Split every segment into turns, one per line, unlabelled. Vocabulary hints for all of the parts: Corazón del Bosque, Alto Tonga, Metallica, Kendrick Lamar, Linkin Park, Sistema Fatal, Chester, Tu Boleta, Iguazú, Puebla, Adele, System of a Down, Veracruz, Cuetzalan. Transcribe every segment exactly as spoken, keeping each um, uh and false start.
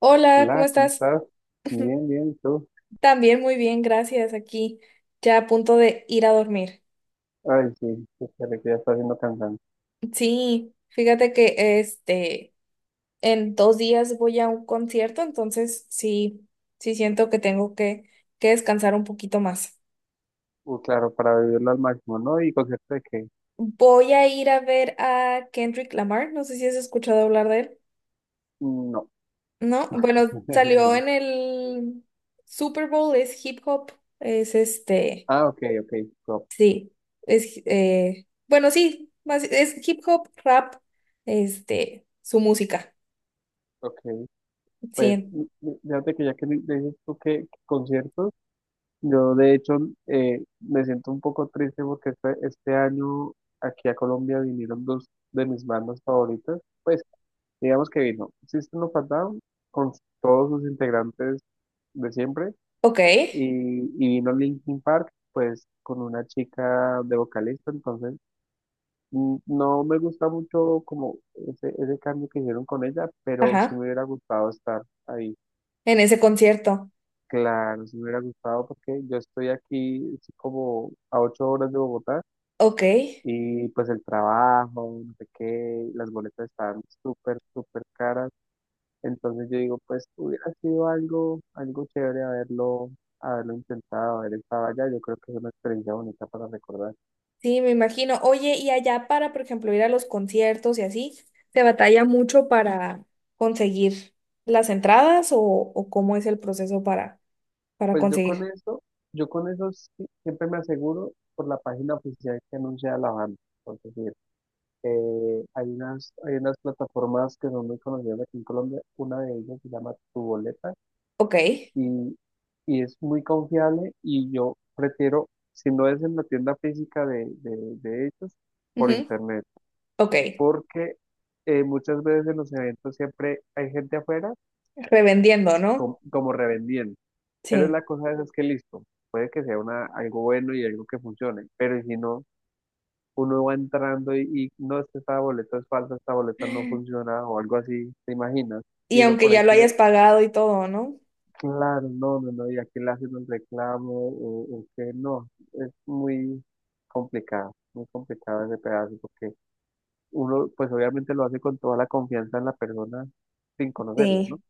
Hola, ¿cómo
Hola, ¿cómo
estás?
estás? Bien, bien, ¿y tú?
También muy bien, gracias. Aquí ya a punto de ir a dormir.
Ay, sí, espera que ya está haciendo cansancio.
Sí, fíjate que este en dos días voy a un concierto, entonces sí, sí siento que tengo que, que descansar un poquito más.
Uh, claro, para vivirlo al máximo, ¿no? ¿Y concierto de qué?
Voy a ir a ver a Kendrick Lamar, no sé si has escuchado hablar de él.
No,
No, bueno, salió
no.
en el Super Bowl, es hip hop, es este.
Ah, ok, ok, go,
Sí, es, eh, bueno, sí, más, es hip hop, rap, este, su música,
ok. Pues,
sí,
mm, mm, fíjate que ya que di- dices tú que, que conciertos, yo de hecho eh, me siento un poco triste porque este, este año aquí a Colombia vinieron dos de mis bandas favoritas. Pues, digamos que vino System of a Down con todos sus integrantes de siempre
ok,
y, y vino Linkin Park, pues con una chica de vocalista, entonces mm, no me gusta mucho como ese, ese cambio que hicieron con ella, pero sí me
ajá,
hubiera gustado estar ahí.
en ese concierto,
Claro, sí me hubiera gustado porque yo estoy aquí estoy como a ocho horas de Bogotá
ok,
y pues el trabajo, no sé qué, las boletas están súper, súper caras. Entonces yo digo, pues hubiera sido algo, algo chévere haberlo, haberlo intentado, haber estado allá. Yo creo que es una experiencia bonita para recordar.
sí, me imagino, oye, y allá para, por ejemplo, ir a los conciertos y así, ¿te batalla mucho para conseguir las entradas o, o cómo es el proceso para, para
Pues yo con
conseguir?
eso, yo con eso sí- siempre me aseguro por la página oficial que anuncia la banda. Por decir, eh, hay unas, hay unas plataformas que son muy conocidas aquí en Colombia. Una de ellas se llama Tu Boleta
Ok,
y, y es muy confiable y yo prefiero, si no es en la tienda física de, de, de ellos, por
ujú,
internet.
ok,
porque eh, muchas veces en los eventos siempre hay gente afuera
revendiendo, ¿no?
com- como revendiendo. Pero
Sí,
la cosa es, es que listo, puede que sea una, algo bueno y algo que funcione, pero si no, uno va entrando y, y, no es que esta boleta es falsa, esta boleta no funciona o algo así, ¿te imaginas?
y
Y uno
aunque
por ahí
ya lo
que,
hayas pagado y todo, ¿no?
claro, no, no, no, y aquí le hacen un reclamo o, o que no, es muy complicado, muy complicado ese pedazo porque... uno pues obviamente lo hace con toda la confianza en la persona sin conocerla, ¿no?
Sí.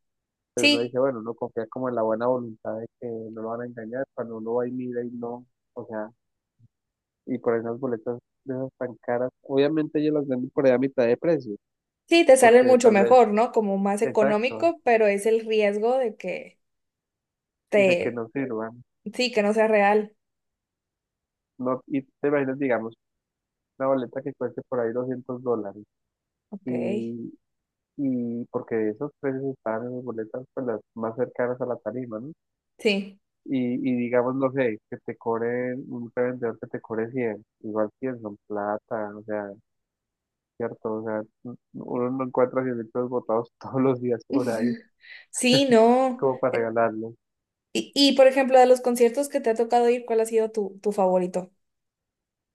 Pero uno
Sí,
dice, bueno, uno confía como en la buena voluntad de que no lo van a engañar, cuando uno va y mira y no, o sea, y por esas boletas de esas tan caras, obviamente ellos las venden por ahí a mitad de precio,
sí, te sale
porque
mucho
tal vez,
mejor, ¿no? Como más
exacto,
económico, pero es el riesgo de que
de que
te,
no sirvan,
sí, que no sea real.
no, y te imaginas, digamos, una boleta que cueste por ahí doscientos dólares,
Ok,
y, y porque esos precios estaban en las boletas pues las más cercanas a la tarima, ¿no?
sí.
Y, y digamos, no sé, que te cobren, un revendedor que te cobre cien, igual cien son plata, o sea, cierto, o sea, n- uno no encuentra cien pesos botados todos los días por ahí,
Sí, no.
como para regalarlos.
Y, y por ejemplo, de los conciertos que te ha tocado ir, ¿cuál ha sido tu, tu favorito?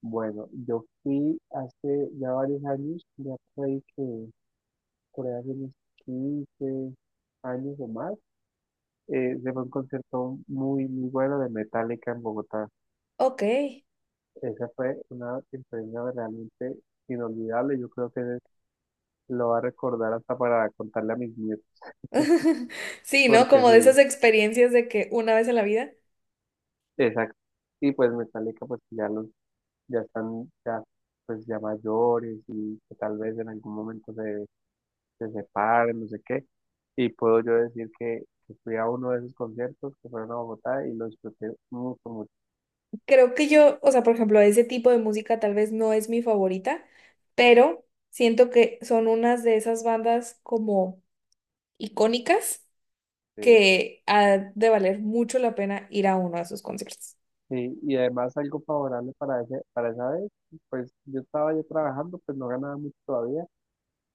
Bueno, yo fui hace ya varios años, ya por ahí que, por ahí hace unos quince años o más, eh, se fue a un concierto muy, muy bueno de Metallica en Bogotá.
Ok.
Esa fue una experiencia realmente inolvidable, yo creo que Lo va a recordar hasta para contarle a mis nietos,
Sí, ¿no?
porque
Como de
sí,
esas experiencias de que una vez en la vida.
exacto. Y pues Metallica, pues que pues, ya los, ya están, ya, pues ya mayores y que tal vez en algún momento se, se separen, no sé qué. Y puedo yo decir que, que fui a uno de esos conciertos que fueron a Bogotá y lo disfruté mucho, mucho.
Creo que yo, o sea, por ejemplo, ese tipo de música tal vez no es mi favorita, pero siento que son unas de esas bandas como icónicas
Sí,
que ha de valer mucho la pena ir a uno de sus conciertos.
Sí, y además algo favorable para ese, para esa vez, pues yo estaba ya trabajando, pues no ganaba mucho todavía.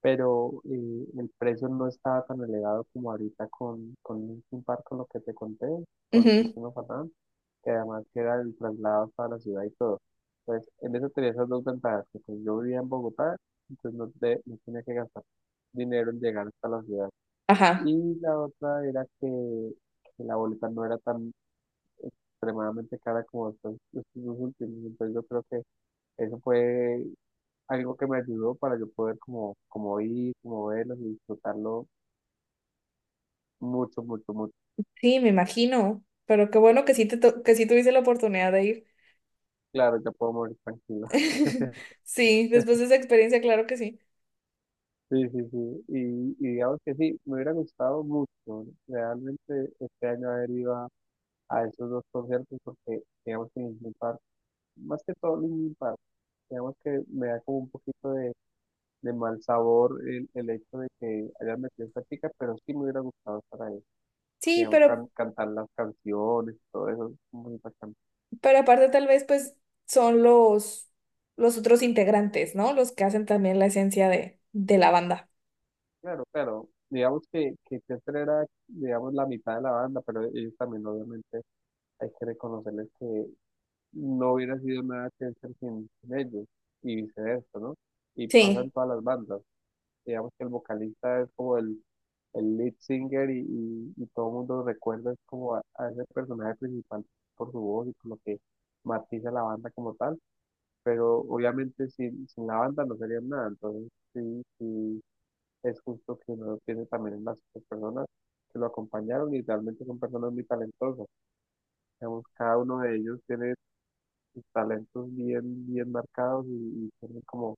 Pero eh, el precio no estaba tan elevado como ahorita con, con Linkin Park, con lo que te conté, con
Ujú,
Sistema Fatal, que además que era el traslado hasta la ciudad y todo. Entonces, en eso tenía esas dos ventajas, que pues, yo vivía en Bogotá, entonces no, te- no tenía que gastar dinero en llegar hasta la ciudad.
ajá.
Y la otra era que, que la boleta no era tan extremadamente cara como estos, estos dos últimos, entonces yo creo que eso fue algo que me ayudó para yo poder como, como ir, como verlos y disfrutarlo mucho, mucho, mucho.
Sí, me imagino. Pero qué bueno que sí te to- que sí tuviste la oportunidad de ir.
Claro, ya puedo morir tranquilo.
Sí, después de esa experiencia, claro que sí.
Sí, sí, sí. Y, y digamos que sí, me hubiera gustado mucho realmente este año haber ido a, a esos dos conciertos porque digamos que Linkin Park, más que todo Linkin Park, digamos que me da como un poquito de, de mal sabor el, el hecho de que hayan metido esta chica, pero sí me hubiera gustado estar ahí.
Sí,
Digamos,
pero,
can- cantar las canciones, todo eso, muy bacano.
pero aparte tal vez pues son los, los otros integrantes, ¿no? Los que hacen también la esencia de, de la banda.
Claro, claro. Digamos que, que Chester era, digamos, la mitad de la banda, pero ellos también, obviamente, hay que reconocerles que no hubiera sido nada Chester sin, sin ellos, y viceversa, ¿no? Y pasa en
Sí,
todas las bandas. Digamos que el vocalista es como el, el lead singer y, y, y todo el mundo recuerda es como a, a ese personaje principal por su voz y por lo que matiza la banda como tal, pero obviamente sin, sin la banda no serían nada, entonces sí, sí es justo que uno piense también en las otras personas que lo acompañaron y realmente son personas muy talentosas. Digamos, cada uno de ellos tiene sus talentos bien, bien marcados y, y tiene como,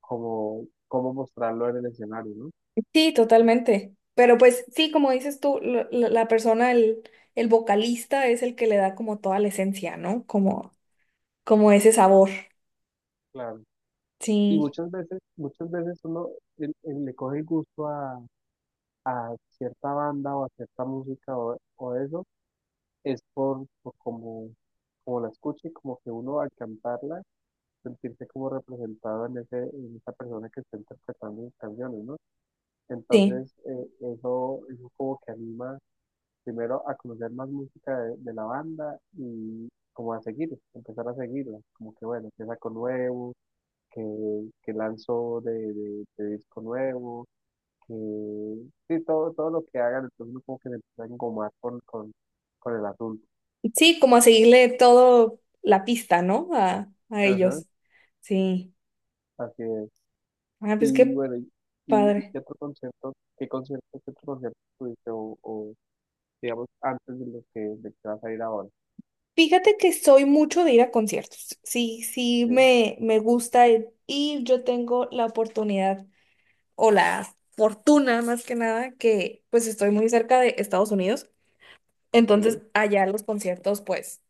como, cómo mostrarlo en el escenario, ¿no?
sí, totalmente. Pero pues sí, como dices tú, la, la- la persona, el, el vocalista es el que le da como toda la esencia, ¿no? Como como ese sabor.
Claro. Y
Sí,
muchas veces, muchas veces uno el- el- le coge el gusto a, a cierta banda o a cierta música o, o eso, es por, por como, como, la escucha y como que uno al cantarla sentirse como representado en ese, en esa persona que está interpretando mis canciones, ¿no?
sí.
Entonces, eh, eso, eso como que anima primero a conocer más música de, de la banda y como a seguir, empezar a seguirla, como que bueno, que saco nuevo, que, que lanzo de, de, de disco nuevo, que sí, todo, todo lo que hagan, entonces uno como que se empieza a engomar con, con, con el asunto.
Sí, como a seguirle todo la pista, ¿no? A, a
Ajá,
ellos. Sí.
así es.
Ah, pues
Y
qué
bueno, y, y y
padre.
qué otro concierto, qué concierto, qué otro concierto tuviste o, o, digamos antes de lo que, de que vas a ir ahora?
Fíjate que soy mucho de ir a conciertos. Sí, sí,
Sí,
me, me gusta ir y yo tengo la oportunidad o la fortuna más que nada que pues estoy muy cerca de Estados Unidos. Entonces
sí,
allá los conciertos pues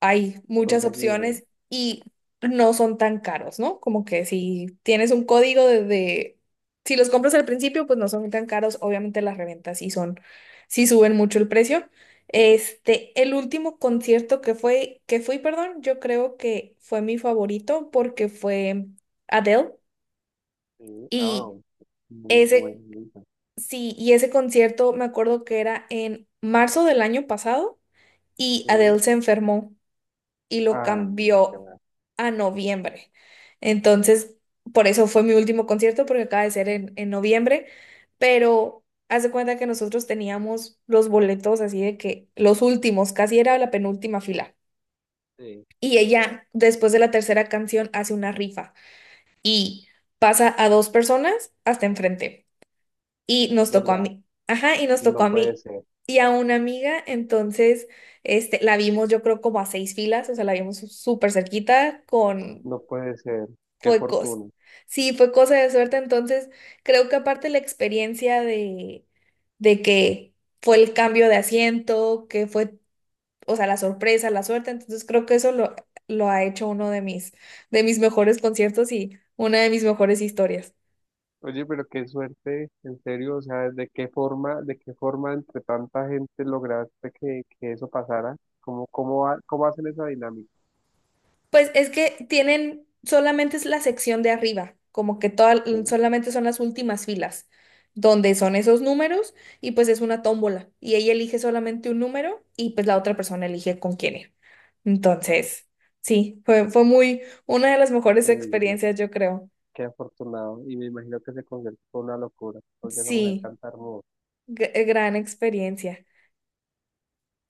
hay muchas
entonces aquí,
opciones y no son tan caros, ¿no? Como que si tienes un código de, de- si los compras al principio, pues no son tan caros. Obviamente las reventas sí son, sí suben mucho el precio. Este, el último concierto que fue, que fui, perdón, yo creo que fue mi favorito porque fue Adele
sí, ah,
y
muy bueno,
ese,
muy bueno,
sí, y ese concierto me acuerdo que era en marzo del año pasado y
sí,
Adele se enfermó y lo
ay, qué
cambió
va,
a noviembre. Entonces, por eso fue mi último concierto, porque acaba de ser en, en noviembre, pero haz de cuenta que nosotros teníamos los boletos así de que los últimos, casi era la penúltima fila.
sí,
Y ella, después de la tercera canción, hace una rifa y pasa a dos personas hasta enfrente y nos tocó a
verdad,
mí. Ajá, y nos tocó
no
a
puede
mí
ser,
y a una amiga, entonces este, la vimos yo creo como a seis filas, o sea, la vimos súper cerquita con...
no puede ser, qué
Fue cosa.
fortuna.
Sí, fue cosa de suerte, entonces creo que aparte la experiencia de, de que fue el cambio de asiento, que fue, o sea, la sorpresa, la suerte, entonces creo que eso lo, lo ha hecho uno de mis, de mis mejores conciertos y una de mis mejores historias.
Oye, pero qué suerte, en serio, o sea, de qué forma, de qué forma entre tanta gente lograste que, que eso pasara, cómo, cómo, ha- cómo hacen esa dinámica,
Pues es que tienen, solamente es la sección de arriba, como que toda,
sí,
solamente son las últimas filas, donde son esos números y pues es una tómbola y ella elige solamente un número y pues la otra persona elige con quién ir.
claro,
Entonces, sí, fue, fue muy, una de las mejores
uy, no.
experiencias, yo creo.
Qué afortunado. Y me imagino que ese concierto fue una locura, porque esa mujer
Sí,
canta hermoso.
gr- eh, gran experiencia.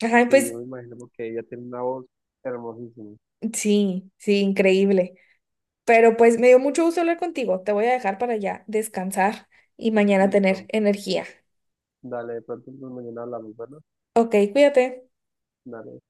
Ajá,
Sí, yo
pues
me imagino porque ella tiene una voz hermosísima.
sí, sí, increíble. Pero pues me dio mucho gusto hablar contigo. Te voy a dejar para ya descansar y mañana tener
Listo.
energía.
Dale, de pronto pues, mañana hablamos, ¿verdad?
Ok, cuídate.
Dale.